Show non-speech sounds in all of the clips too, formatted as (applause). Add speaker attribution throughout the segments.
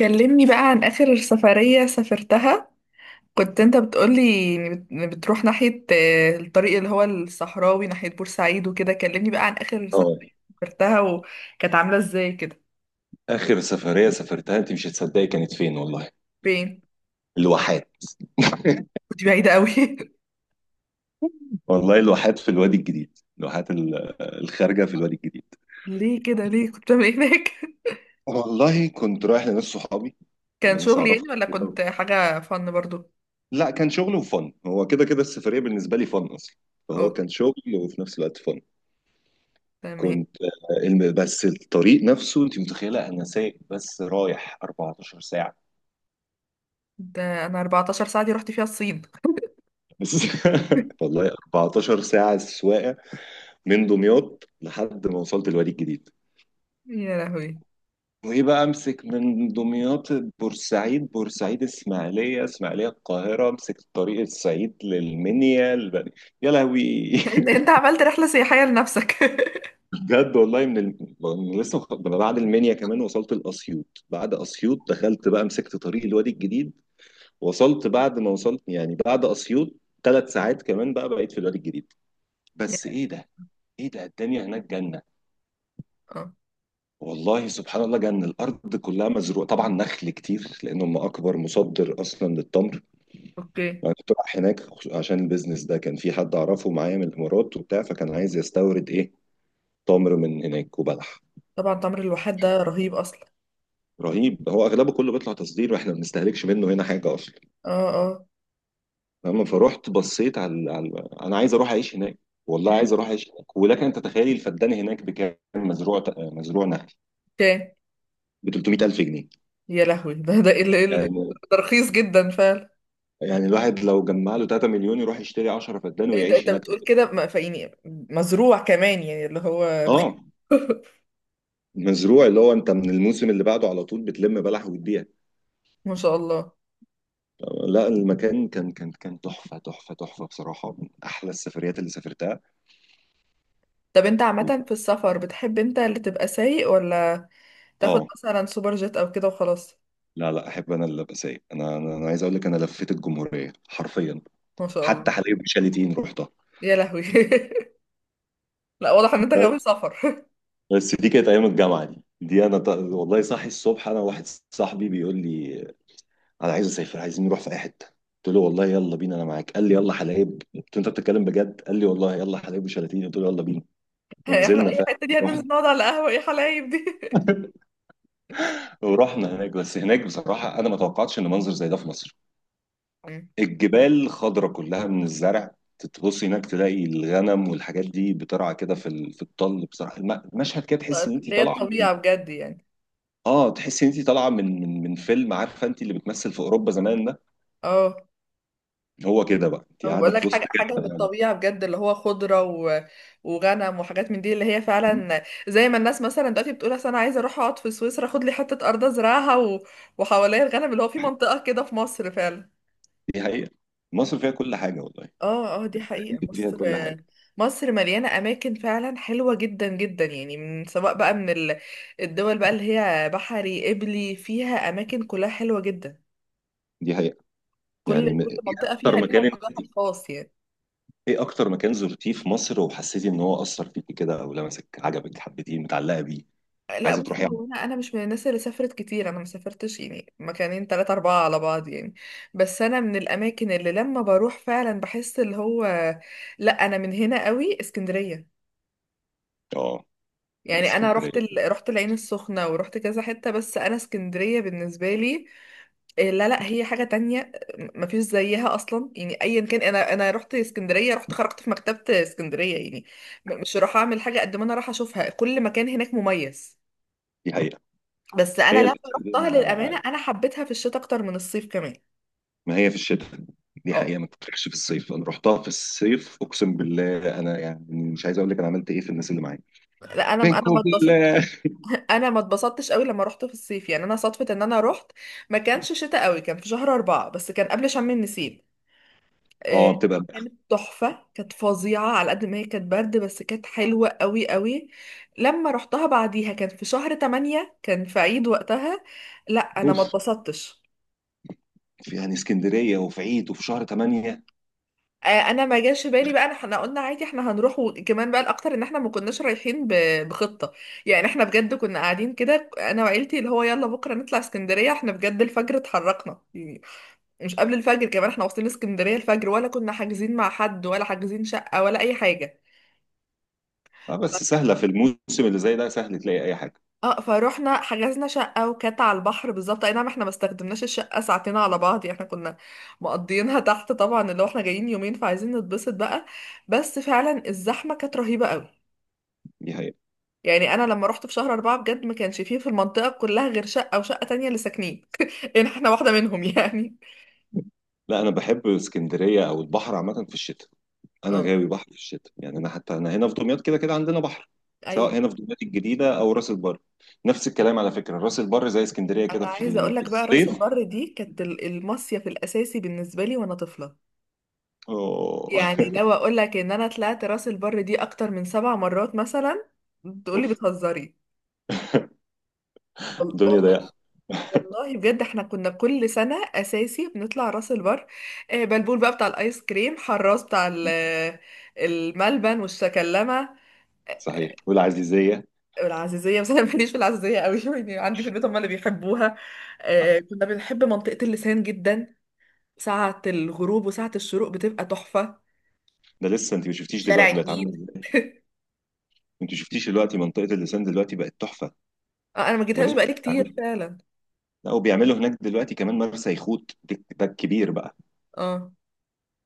Speaker 1: كلمني بقى عن آخر سفرية سافرتها. كنت انت بتقولي إن بتروح ناحية، الطريق اللي هو الصحراوي ناحية بورسعيد وكده. كلمني بقى عن آخر
Speaker 2: اه،
Speaker 1: سفرية سافرتها وكانت عاملة ازاي كده.
Speaker 2: اخر سفريه سافرتها انت مش هتصدقي كانت فين والله.
Speaker 1: فين؟
Speaker 2: الواحات.
Speaker 1: كنت بعيدة قوي (laughs)
Speaker 2: والله الواحات في الوادي الجديد، الواحات الخارجه في الوادي الجديد.
Speaker 1: ليه كده؟ كنت بعمل ايه هناك؟ (laughs)
Speaker 2: والله كنت رايح لناس صحابي، هم
Speaker 1: كان
Speaker 2: ناس
Speaker 1: شغل
Speaker 2: اعرفها
Speaker 1: يعني ولا
Speaker 2: كده.
Speaker 1: كنت حاجة فن برضو؟
Speaker 2: لا كان شغل وفن، هو كده كده السفريه بالنسبه لي فن اصلا، فهو
Speaker 1: اوكي،
Speaker 2: كان شغل وفي نفس الوقت فن.
Speaker 1: تمام.
Speaker 2: كنت بس الطريق نفسه انت متخيله انا سايق بس رايح 14 ساعه،
Speaker 1: ده انا 14 ساعة دي رحت فيها الصين.
Speaker 2: بس (laughs)
Speaker 1: (laughs)
Speaker 2: والله 14 ساعه سواقه من دمياط لحد ما وصلت الوادي الجديد.
Speaker 1: يا لهوي،
Speaker 2: وايه بقى، امسك من دمياط بورسعيد، بورسعيد اسماعيليه، اسماعيليه القاهره، امسك طريق الصعيد للمنيا يا لهوي.
Speaker 1: انت عملت رحلة سياحية لنفسك؟ (laughs)
Speaker 2: (laughs) بجد والله من ال... من لسه مخ- من بعد المنيا كمان وصلت الاسيوط، بعد اسيوط دخلت بقى مسكت طريق الوادي الجديد. وصلت بعد ما وصلت يعني بعد اسيوط ثلاث ساعات كمان بقى بقيت في الوادي الجديد.
Speaker 1: يا
Speaker 2: بس
Speaker 1: لهوي.
Speaker 2: ايه ده، ايه ده الدنيا هناك جنه.
Speaker 1: اه.
Speaker 2: والله سبحان الله جنة الأرض، كلها مزروعة طبعا نخل كتير لأن هم أكبر مصدر أصلا للتمر.
Speaker 1: اوكي.
Speaker 2: انا كنت رايح هناك عشان البيزنس ده، كان في حد اعرفه معايا من الامارات وبتاع، فكان عايز يستورد ايه، تمر من هناك وبلح.
Speaker 1: طبعا تمر الواحات ده رهيب اصلا.
Speaker 2: رهيب، هو اغلبه كله بيطلع تصدير واحنا ما بنستهلكش منه هنا حاجه اصلا.
Speaker 1: اه اه.
Speaker 2: فاهم؟ فروحت بصيت على، انا عايز اروح اعيش هناك. والله عايز اروح اعيش هناك، ولكن انت تخيلي الفدان هناك بكام، مزروع، مزروع نخل،
Speaker 1: كان.
Speaker 2: ب 300,000 جنيه.
Speaker 1: يا لهوي،
Speaker 2: يعني
Speaker 1: ده رخيص جدا فعلا.
Speaker 2: يعني الواحد لو جمع له 3 مليون يروح يشتري 10 فدان
Speaker 1: انت
Speaker 2: ويعيش
Speaker 1: انت
Speaker 2: هناك.
Speaker 1: بتقول كده، فيعني مزروع كمان يعني اللي هو
Speaker 2: اه
Speaker 1: بخير؟ (laughs)
Speaker 2: مزروع، اللي هو انت من الموسم اللي بعده على طول بتلم بلح وتبيع.
Speaker 1: ما شاء الله.
Speaker 2: لا المكان كان تحفة تحفة تحفة بصراحة، من أحلى السفريات اللي سافرتها.
Speaker 1: طب انت
Speaker 2: و...
Speaker 1: عامة في السفر بتحب انت اللي تبقى سايق ولا تاخد
Speaker 2: آه
Speaker 1: مثلا سوبر جيت او كده وخلاص؟
Speaker 2: لا لا، أحب أنا اللي أبقى سايق، أنا عايز أقول لك أنا لفيت الجمهورية حرفيا،
Speaker 1: ما شاء الله.
Speaker 2: حتى حلايب وشاليتين رحتها.
Speaker 1: يا لهوي (laughs) لا، واضح ان انت غاوي سفر.
Speaker 2: بس دي كانت أيام الجامعة، والله صاحي الصبح أنا واحد صاحبي بيقول لي أنا عايز أسافر، عايزين نروح في أي حتة. قلت له والله يلا بينا أنا معاك، قال لي يلا حلايب، قلت له أنت بتتكلم بجد، قال لي والله يلا حلايب وشاليتين، قلت له يلا بينا.
Speaker 1: (laughs) احنا
Speaker 2: ونزلنا
Speaker 1: اي حتة دي؟ هننزل
Speaker 2: فعلا
Speaker 1: نقعد على قهوة؟ ايه حلايب دي؟ (laughs)
Speaker 2: ورحنا هناك. بس هناك بصراحة أنا ما توقعتش إن منظر زي ده في مصر.
Speaker 1: مم.
Speaker 2: الجبال خضرة كلها من الزرع، تبص هناك تلاقي الغنم والحاجات دي بترعى كده في الطل. بصراحة المشهد كده تحس إن أنت
Speaker 1: اللي هي
Speaker 2: طالعة من،
Speaker 1: الطبيعة بجد يعني.
Speaker 2: آه تحس إن أنت طالعة من فيلم، عارفة أنت اللي بتمثل في أوروبا زمان ده،
Speaker 1: اه.
Speaker 2: هو كده بقى أنت
Speaker 1: انا
Speaker 2: قاعدة
Speaker 1: بقول
Speaker 2: في
Speaker 1: لك
Speaker 2: وسط
Speaker 1: حاجه من
Speaker 2: كده.
Speaker 1: الطبيعه بجد اللي هو خضره، و... وغنم وحاجات من دي، اللي هي فعلا زي ما الناس مثلا دلوقتي بتقول اصل انا عايزه اروح اقعد في سويسرا اخد لي حته ارض ازرعها، و... وحواليا الغنم، اللي هو في منطقه كده في مصر فعلا.
Speaker 2: دي حقيقة، مصر فيها كل حاجة والله،
Speaker 1: اه اه، دي حقيقه.
Speaker 2: فيها
Speaker 1: مصر
Speaker 2: كل حاجة.
Speaker 1: مصر مليانه اماكن فعلا حلوه جدا جدا، يعني من سواء بقى من ال... الدول بقى اللي هي بحري قبلي، فيها اماكن كلها حلوه جدا.
Speaker 2: دي حقيقة، يعني
Speaker 1: كل
Speaker 2: إيه
Speaker 1: منطقه فيها
Speaker 2: أكتر
Speaker 1: ليها
Speaker 2: مكان،
Speaker 1: طابعها الخاص يعني.
Speaker 2: ايه اكتر مكان زرتيه في مصر وحسيتي ان هو اثر فيكي كده او لمسك، عجبك، حبيتيه، متعلقه بيه؟
Speaker 1: لا
Speaker 2: عايزه
Speaker 1: بص،
Speaker 2: تروحي على-
Speaker 1: هو انا مش من الناس اللي سافرت كتير، انا ما سافرتش يعني، مكانين تلاتة اربعة على بعض يعني. بس انا من الاماكن اللي لما بروح فعلا بحس اللي هو، لا انا من هنا قوي اسكندرية.
Speaker 2: اه
Speaker 1: يعني انا رحت
Speaker 2: اسكندريه.
Speaker 1: ال... رحت العين السخنة ورحت كذا حتة، بس انا اسكندرية بالنسبة لي إيه، لا هي حاجة تانية. ما فيش زيها اصلا يعني، ايا كان. انا رحت اسكندرية، رحت خرجت في مكتبة اسكندرية يعني مش راح اعمل حاجة قد ما انا راح اشوفها. كل مكان هناك مميز.
Speaker 2: دي حقيقه،
Speaker 1: بس انا
Speaker 2: هي
Speaker 1: لما رحتها، للامانه
Speaker 2: الاسكندرية-
Speaker 1: انا حبيتها في الشتاء اكتر من الصيف كمان.
Speaker 2: ما هي في الشتاء، دي
Speaker 1: اه،
Speaker 2: حقيقه ما تروحش في الصيف. انا رحتها في الصيف اقسم بالله، انا يعني مش عايز اقول لك انا عملت ايه في الناس اللي معايا.
Speaker 1: لا انا
Speaker 2: منكم
Speaker 1: ما اتبسطت.
Speaker 2: بالله.
Speaker 1: (laughs) انا ما اتبسطتش قوي لما رحت في الصيف يعني. انا صدفه ان انا رحت، ما كانش شتاء قوي، كان في شهر 4 بس، كان قبل شم النسيم. آه،
Speaker 2: اه بتبقى.
Speaker 1: كانت تحفه، كانت فظيعه، على قد ما هي كانت برد بس كانت حلوه قوي قوي. لما رحتها بعديها كان في شهر 8، كان في عيد وقتها. لا انا ما
Speaker 2: اوف،
Speaker 1: اتبسطتش.
Speaker 2: في يعني اسكندريه وفي عيد وفي شهر 8.
Speaker 1: انا ما جاش في بالي بقى، احنا قلنا عادي احنا هنروح. وكمان بقى الاكتر ان احنا ما كناش رايحين بخطه. يعني احنا بجد كنا قاعدين كده انا وعيلتي، اللي هو يلا بكره نطلع اسكندريه، احنا بجد الفجر اتحركنا يعني، مش قبل الفجر كمان. احنا واصلين اسكندريه الفجر، ولا كنا حاجزين مع حد، ولا حاجزين شقه، ولا اي حاجه.
Speaker 2: اه بس سهله في الموسم اللي زي ده، سهل تلاقي اي حاجه.
Speaker 1: اه، فروحنا حجزنا شقه وكانت على البحر بالظبط. اي نعم، احنا ما استخدمناش الشقه ساعتين على بعض يعني، احنا كنا مقضيينها تحت طبعا، اللي هو احنا جايين يومين فعايزين نتبسط بقى. بس فعلا الزحمه كانت رهيبه قوي.
Speaker 2: دي حقيقه.
Speaker 1: يعني انا لما رحت في شهر 4 بجد ما كانش فيه في المنطقة كلها غير شقة وشقة تانية اللي ساكنين. (laughs) يعني احنا واحدة منهم يعني.
Speaker 2: لا انا بحب اسكندريه او البحر عامه في الشتاء، انا
Speaker 1: اه.
Speaker 2: غاوي بحر في الشتاء. يعني انا حتى انا هنا في دمياط كده كده عندنا بحر، سواء
Speaker 1: ايوه،
Speaker 2: هنا في دمياط الجديده او راس البر. نفس الكلام على فكره راس البر زي اسكندريه كده
Speaker 1: انا عايزة اقول
Speaker 2: في
Speaker 1: لك بقى راس
Speaker 2: الصيف.
Speaker 1: البر دي كانت المصيف الاساسي بالنسبة لي وانا طفلة.
Speaker 2: أوه.
Speaker 1: يعني لو اقول لك ان انا طلعت راس البر دي اكتر من 7 مرات مثلا،
Speaker 2: اوف،
Speaker 1: تقولي بتهزري.
Speaker 2: الدنيا
Speaker 1: والله،
Speaker 2: ضيقه.
Speaker 1: والله بجد احنا كنا كل سنة اساسي بنطلع راس البر. بلبول بقى بتاع الايس كريم، حراس بتاع الملبن والشكلمة
Speaker 2: صحيح، والعزيزيه.
Speaker 1: والعزيزية. بس أنا ماليش في العزيزية قوي (laughs) يعني عندي في البيت هم اللي بيحبوها. كنا بنحب منطقة اللسان جدا. ساعة الغروب وساعة الشروق بتبقى تحفة.
Speaker 2: ده لسه انت ما شفتيش
Speaker 1: شارع
Speaker 2: دلوقتي بقت عامله
Speaker 1: النيل.
Speaker 2: ازاي، انت ما شفتيش دلوقتي منطقه اللسان دلوقتي بقت تحفه،
Speaker 1: أنا ما جيتهاش
Speaker 2: ولسه
Speaker 1: بقالي كتير
Speaker 2: بيعملوا.
Speaker 1: فعلا.
Speaker 2: لا وبيعملوا هناك دلوقتي كمان مرسى يخوت، ده الكبير بقى.
Speaker 1: اه.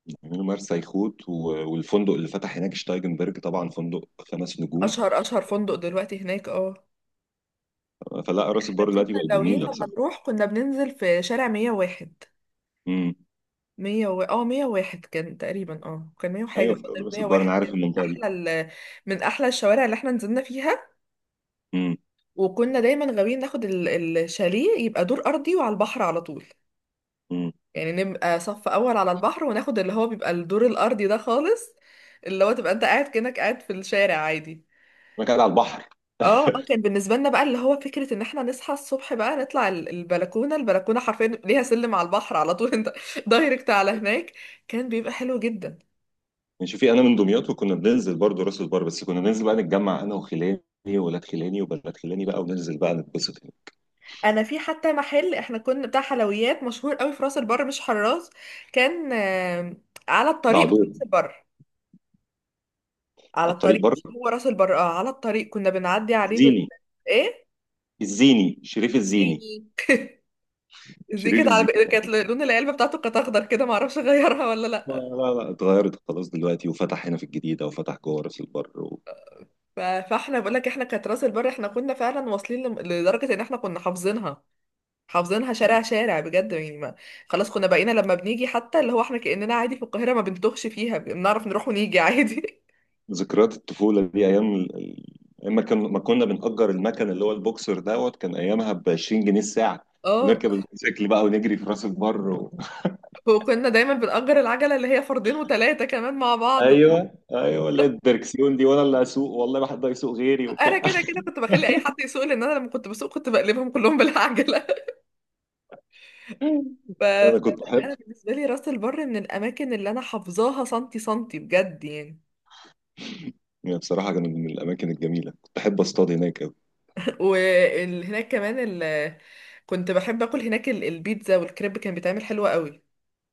Speaker 2: بيعملوا مرسى يخوت والفندق اللي فتح هناك شتايجنبرج، طبعا فندق خمس نجوم.
Speaker 1: أشهر فندق دلوقتي هناك، اه.
Speaker 2: فلا راس
Speaker 1: احنا
Speaker 2: البر
Speaker 1: كنا
Speaker 2: دلوقتي بقت
Speaker 1: غاويين
Speaker 2: جميله
Speaker 1: لما
Speaker 2: بصراحه.
Speaker 1: نروح كنا بننزل في شارع 101.
Speaker 2: امم،
Speaker 1: 100، و... اه 101 كان تقريبا، اه كان 100 وحاجة،
Speaker 2: ايوه
Speaker 1: بس
Speaker 2: في
Speaker 1: تقريباً
Speaker 2: راس البر انا
Speaker 1: 101
Speaker 2: عارف
Speaker 1: كان
Speaker 2: المنطقه دي.
Speaker 1: أحلى، ال... من أحلى الشوارع اللي احنا نزلنا فيها.
Speaker 2: امم.
Speaker 1: وكنا دايما غاويين ناخد الشاليه، يبقى دور ارضي وعلى البحر على طول،
Speaker 2: امم.
Speaker 1: يعني نبقى صف اول على البحر، وناخد اللي هو بيبقى الدور الارضي ده خالص، اللي هو تبقى انت قاعد كأنك قاعد في الشارع عادي.
Speaker 2: انا قاعد على البحر.
Speaker 1: اه اه، كان بالنسبه لنا بقى اللي هو فكره ان احنا نصحى الصبح بقى نطلع البلكونه حرفيا ليها سلم على البحر على طول انت (laughs) دايركت على هناك. كان بيبقى حلو جدا.
Speaker 2: يعني شوفي انا من دمياط وكنا بننزل برضه راس البر، بس كنا بننزل بقى نتجمع انا وخلاني وولاد خلاني وبنات خلاني بقى، وننزل بقى نتبسط هنا.
Speaker 1: انا في حتى محل احنا كنا بتاع حلويات مشهور قوي في راس البر مش حراس. كان، على
Speaker 2: ده
Speaker 1: الطريق بتاع
Speaker 2: عدو،
Speaker 1: راس البر، على
Speaker 2: على الطريق
Speaker 1: الطريق،
Speaker 2: بره،
Speaker 1: مش هو راس البر. اه على الطريق كنا بنعدي عليه بال،
Speaker 2: الزيني،
Speaker 1: ايه،
Speaker 2: الزيني شريف الزيني،
Speaker 1: زيني. زي
Speaker 2: شريف
Speaker 1: كانت على،
Speaker 2: الزيني.
Speaker 1: كانت لون العلبه بتاعته كانت اخضر كده، ما اعرفش غيرها (laughs) ولا
Speaker 2: لا
Speaker 1: لا.
Speaker 2: لا لا، اتغيرت خلاص دلوقتي، وفتح هنا في الجديده وفتح جوه راس البر
Speaker 1: ف... فاحنا بقول لك احنا كانت راس البر احنا كنا فعلا واصلين لدرجه ان احنا كنا حافظينها، حافظينها شارع شارع بجد يعني ما. خلاص كنا بقينا لما بنيجي حتى اللي هو احنا كاننا عادي في القاهره، ما بنتوهش فيها، بنعرف نروح ونيجي عادي.
Speaker 2: ذكريات الطفولة دي، أيام ما كنا بنأجر المكن اللي هو البوكسر دوت، كان أيامها ب 20 جنيه الساعة،
Speaker 1: (laughs) اه.
Speaker 2: ونركب الموتوسيكل بقى ونجري في راس البر
Speaker 1: وكنا دايما بنأجر العجله اللي هي فردين وثلاثه كمان مع
Speaker 2: (laughs)
Speaker 1: بعض.
Speaker 2: أيوه أيوه، اللي هي الدركسيون دي، وأنا اللي أسوق والله ما حد هيسوق غيري
Speaker 1: انا
Speaker 2: وبتاع.
Speaker 1: كده كده كنت بخلي اي حد يسوق، لان انا لما كنت بسوق كنت بقلبهم كلهم بالعجله. (laughs) ف...
Speaker 2: (laughs) أنا كنت
Speaker 1: فلا انا
Speaker 2: أحب،
Speaker 1: بالنسبه لي راس البر من الاماكن اللي انا حافظاها سنتي سنتي بجد يعني.
Speaker 2: يعني بصراحة كانت من الأماكن الجميلة، كنت أحب أصطاد هناك أوي.
Speaker 1: (laughs) وهناك كمان، ال... كنت بحب اكل هناك البيتزا والكريب، كان بيتعمل حلو قوي.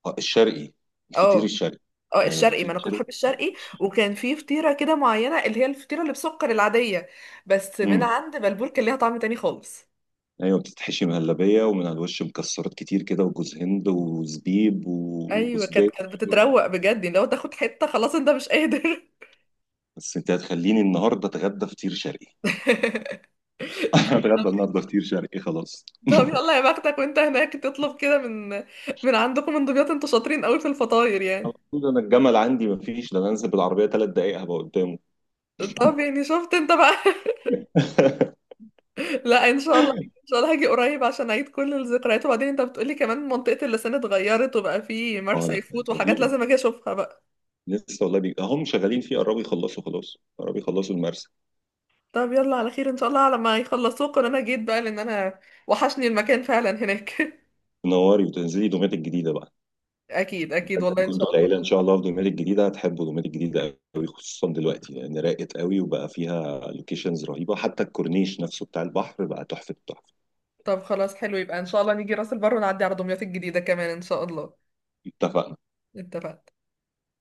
Speaker 2: آه، الشرقي، الفطير
Speaker 1: اه
Speaker 2: الشرقي.
Speaker 1: اه،
Speaker 2: أيوه
Speaker 1: الشرقي، ما
Speaker 2: الفطير
Speaker 1: انا كنت
Speaker 2: الشرقي.
Speaker 1: بحب الشرقي. وكان في فطيره كده معينه، اللي هي الفطيره اللي بسكر العاديه، بس من
Speaker 2: امم،
Speaker 1: عند بلبول كان ليها طعم تاني خالص.
Speaker 2: ايوه بتتحشي مهلبيه ومن على الوش مكسرات كتير كده وجوز هند وزبيب
Speaker 1: ايوه
Speaker 2: وسديك.
Speaker 1: كانت بتتروق بجد، يعني لو تاخد حته خلاص انت مش قادر.
Speaker 2: بس انت هتخليني النهارده اتغدى فطير شرقي،
Speaker 1: (laughs)
Speaker 2: (laughs) هتغدى النهارده فطير شرقي خلاص.
Speaker 1: طب يلا يا بختك وانت هناك، تطلب كده من من عندكم من دمياط. انتوا شاطرين قوي في الفطاير
Speaker 2: على
Speaker 1: يعني.
Speaker 2: طول، انا الجمل عندي مفيش ده، انا انزل بالعربيه ثلاث دقائق هبقى قدامه.
Speaker 1: طب يعني شفت انت بقى.
Speaker 2: (laughs)
Speaker 1: (laughs) لا ان شاء الله، ان شاء الله هاجي قريب عشان اعيد كل الذكريات. وبعدين انت بتقولي كمان منطقة اللسان اتغيرت وبقى في
Speaker 2: اه
Speaker 1: مرسى
Speaker 2: لا،
Speaker 1: يفوت وحاجات
Speaker 2: رهيبه،
Speaker 1: لازم اجي اشوفها بقى.
Speaker 2: لسه والله هم شغالين فيه، قربوا يخلصوا، خلاص قربوا يخلصوا المرسى.
Speaker 1: طب يلا على خير، ان شاء الله على ما يخلصوك وانا جيت بقى، لان انا وحشني المكان فعلا هناك. (laughs)
Speaker 2: تنوري وتنزلي دومات الجديده بقى،
Speaker 1: اكيد اكيد،
Speaker 2: لازم.
Speaker 1: والله ان شاء
Speaker 2: كنتوا
Speaker 1: الله.
Speaker 2: العيله ان شاء الله في دومات الجديده، هتحبوا دومات الجديده قوي خصوصا دلوقتي، لان راقت قوي وبقى فيها لوكيشنز رهيبه، حتى الكورنيش نفسه بتاع البحر بقى تحفه التحفه.
Speaker 1: طب خلاص حلو، يبقى ان شاء الله نيجي راس البر ونعدي على دمياط الجديدة كمان ان شاء الله.
Speaker 2: اتفقنا.
Speaker 1: اتفقنا.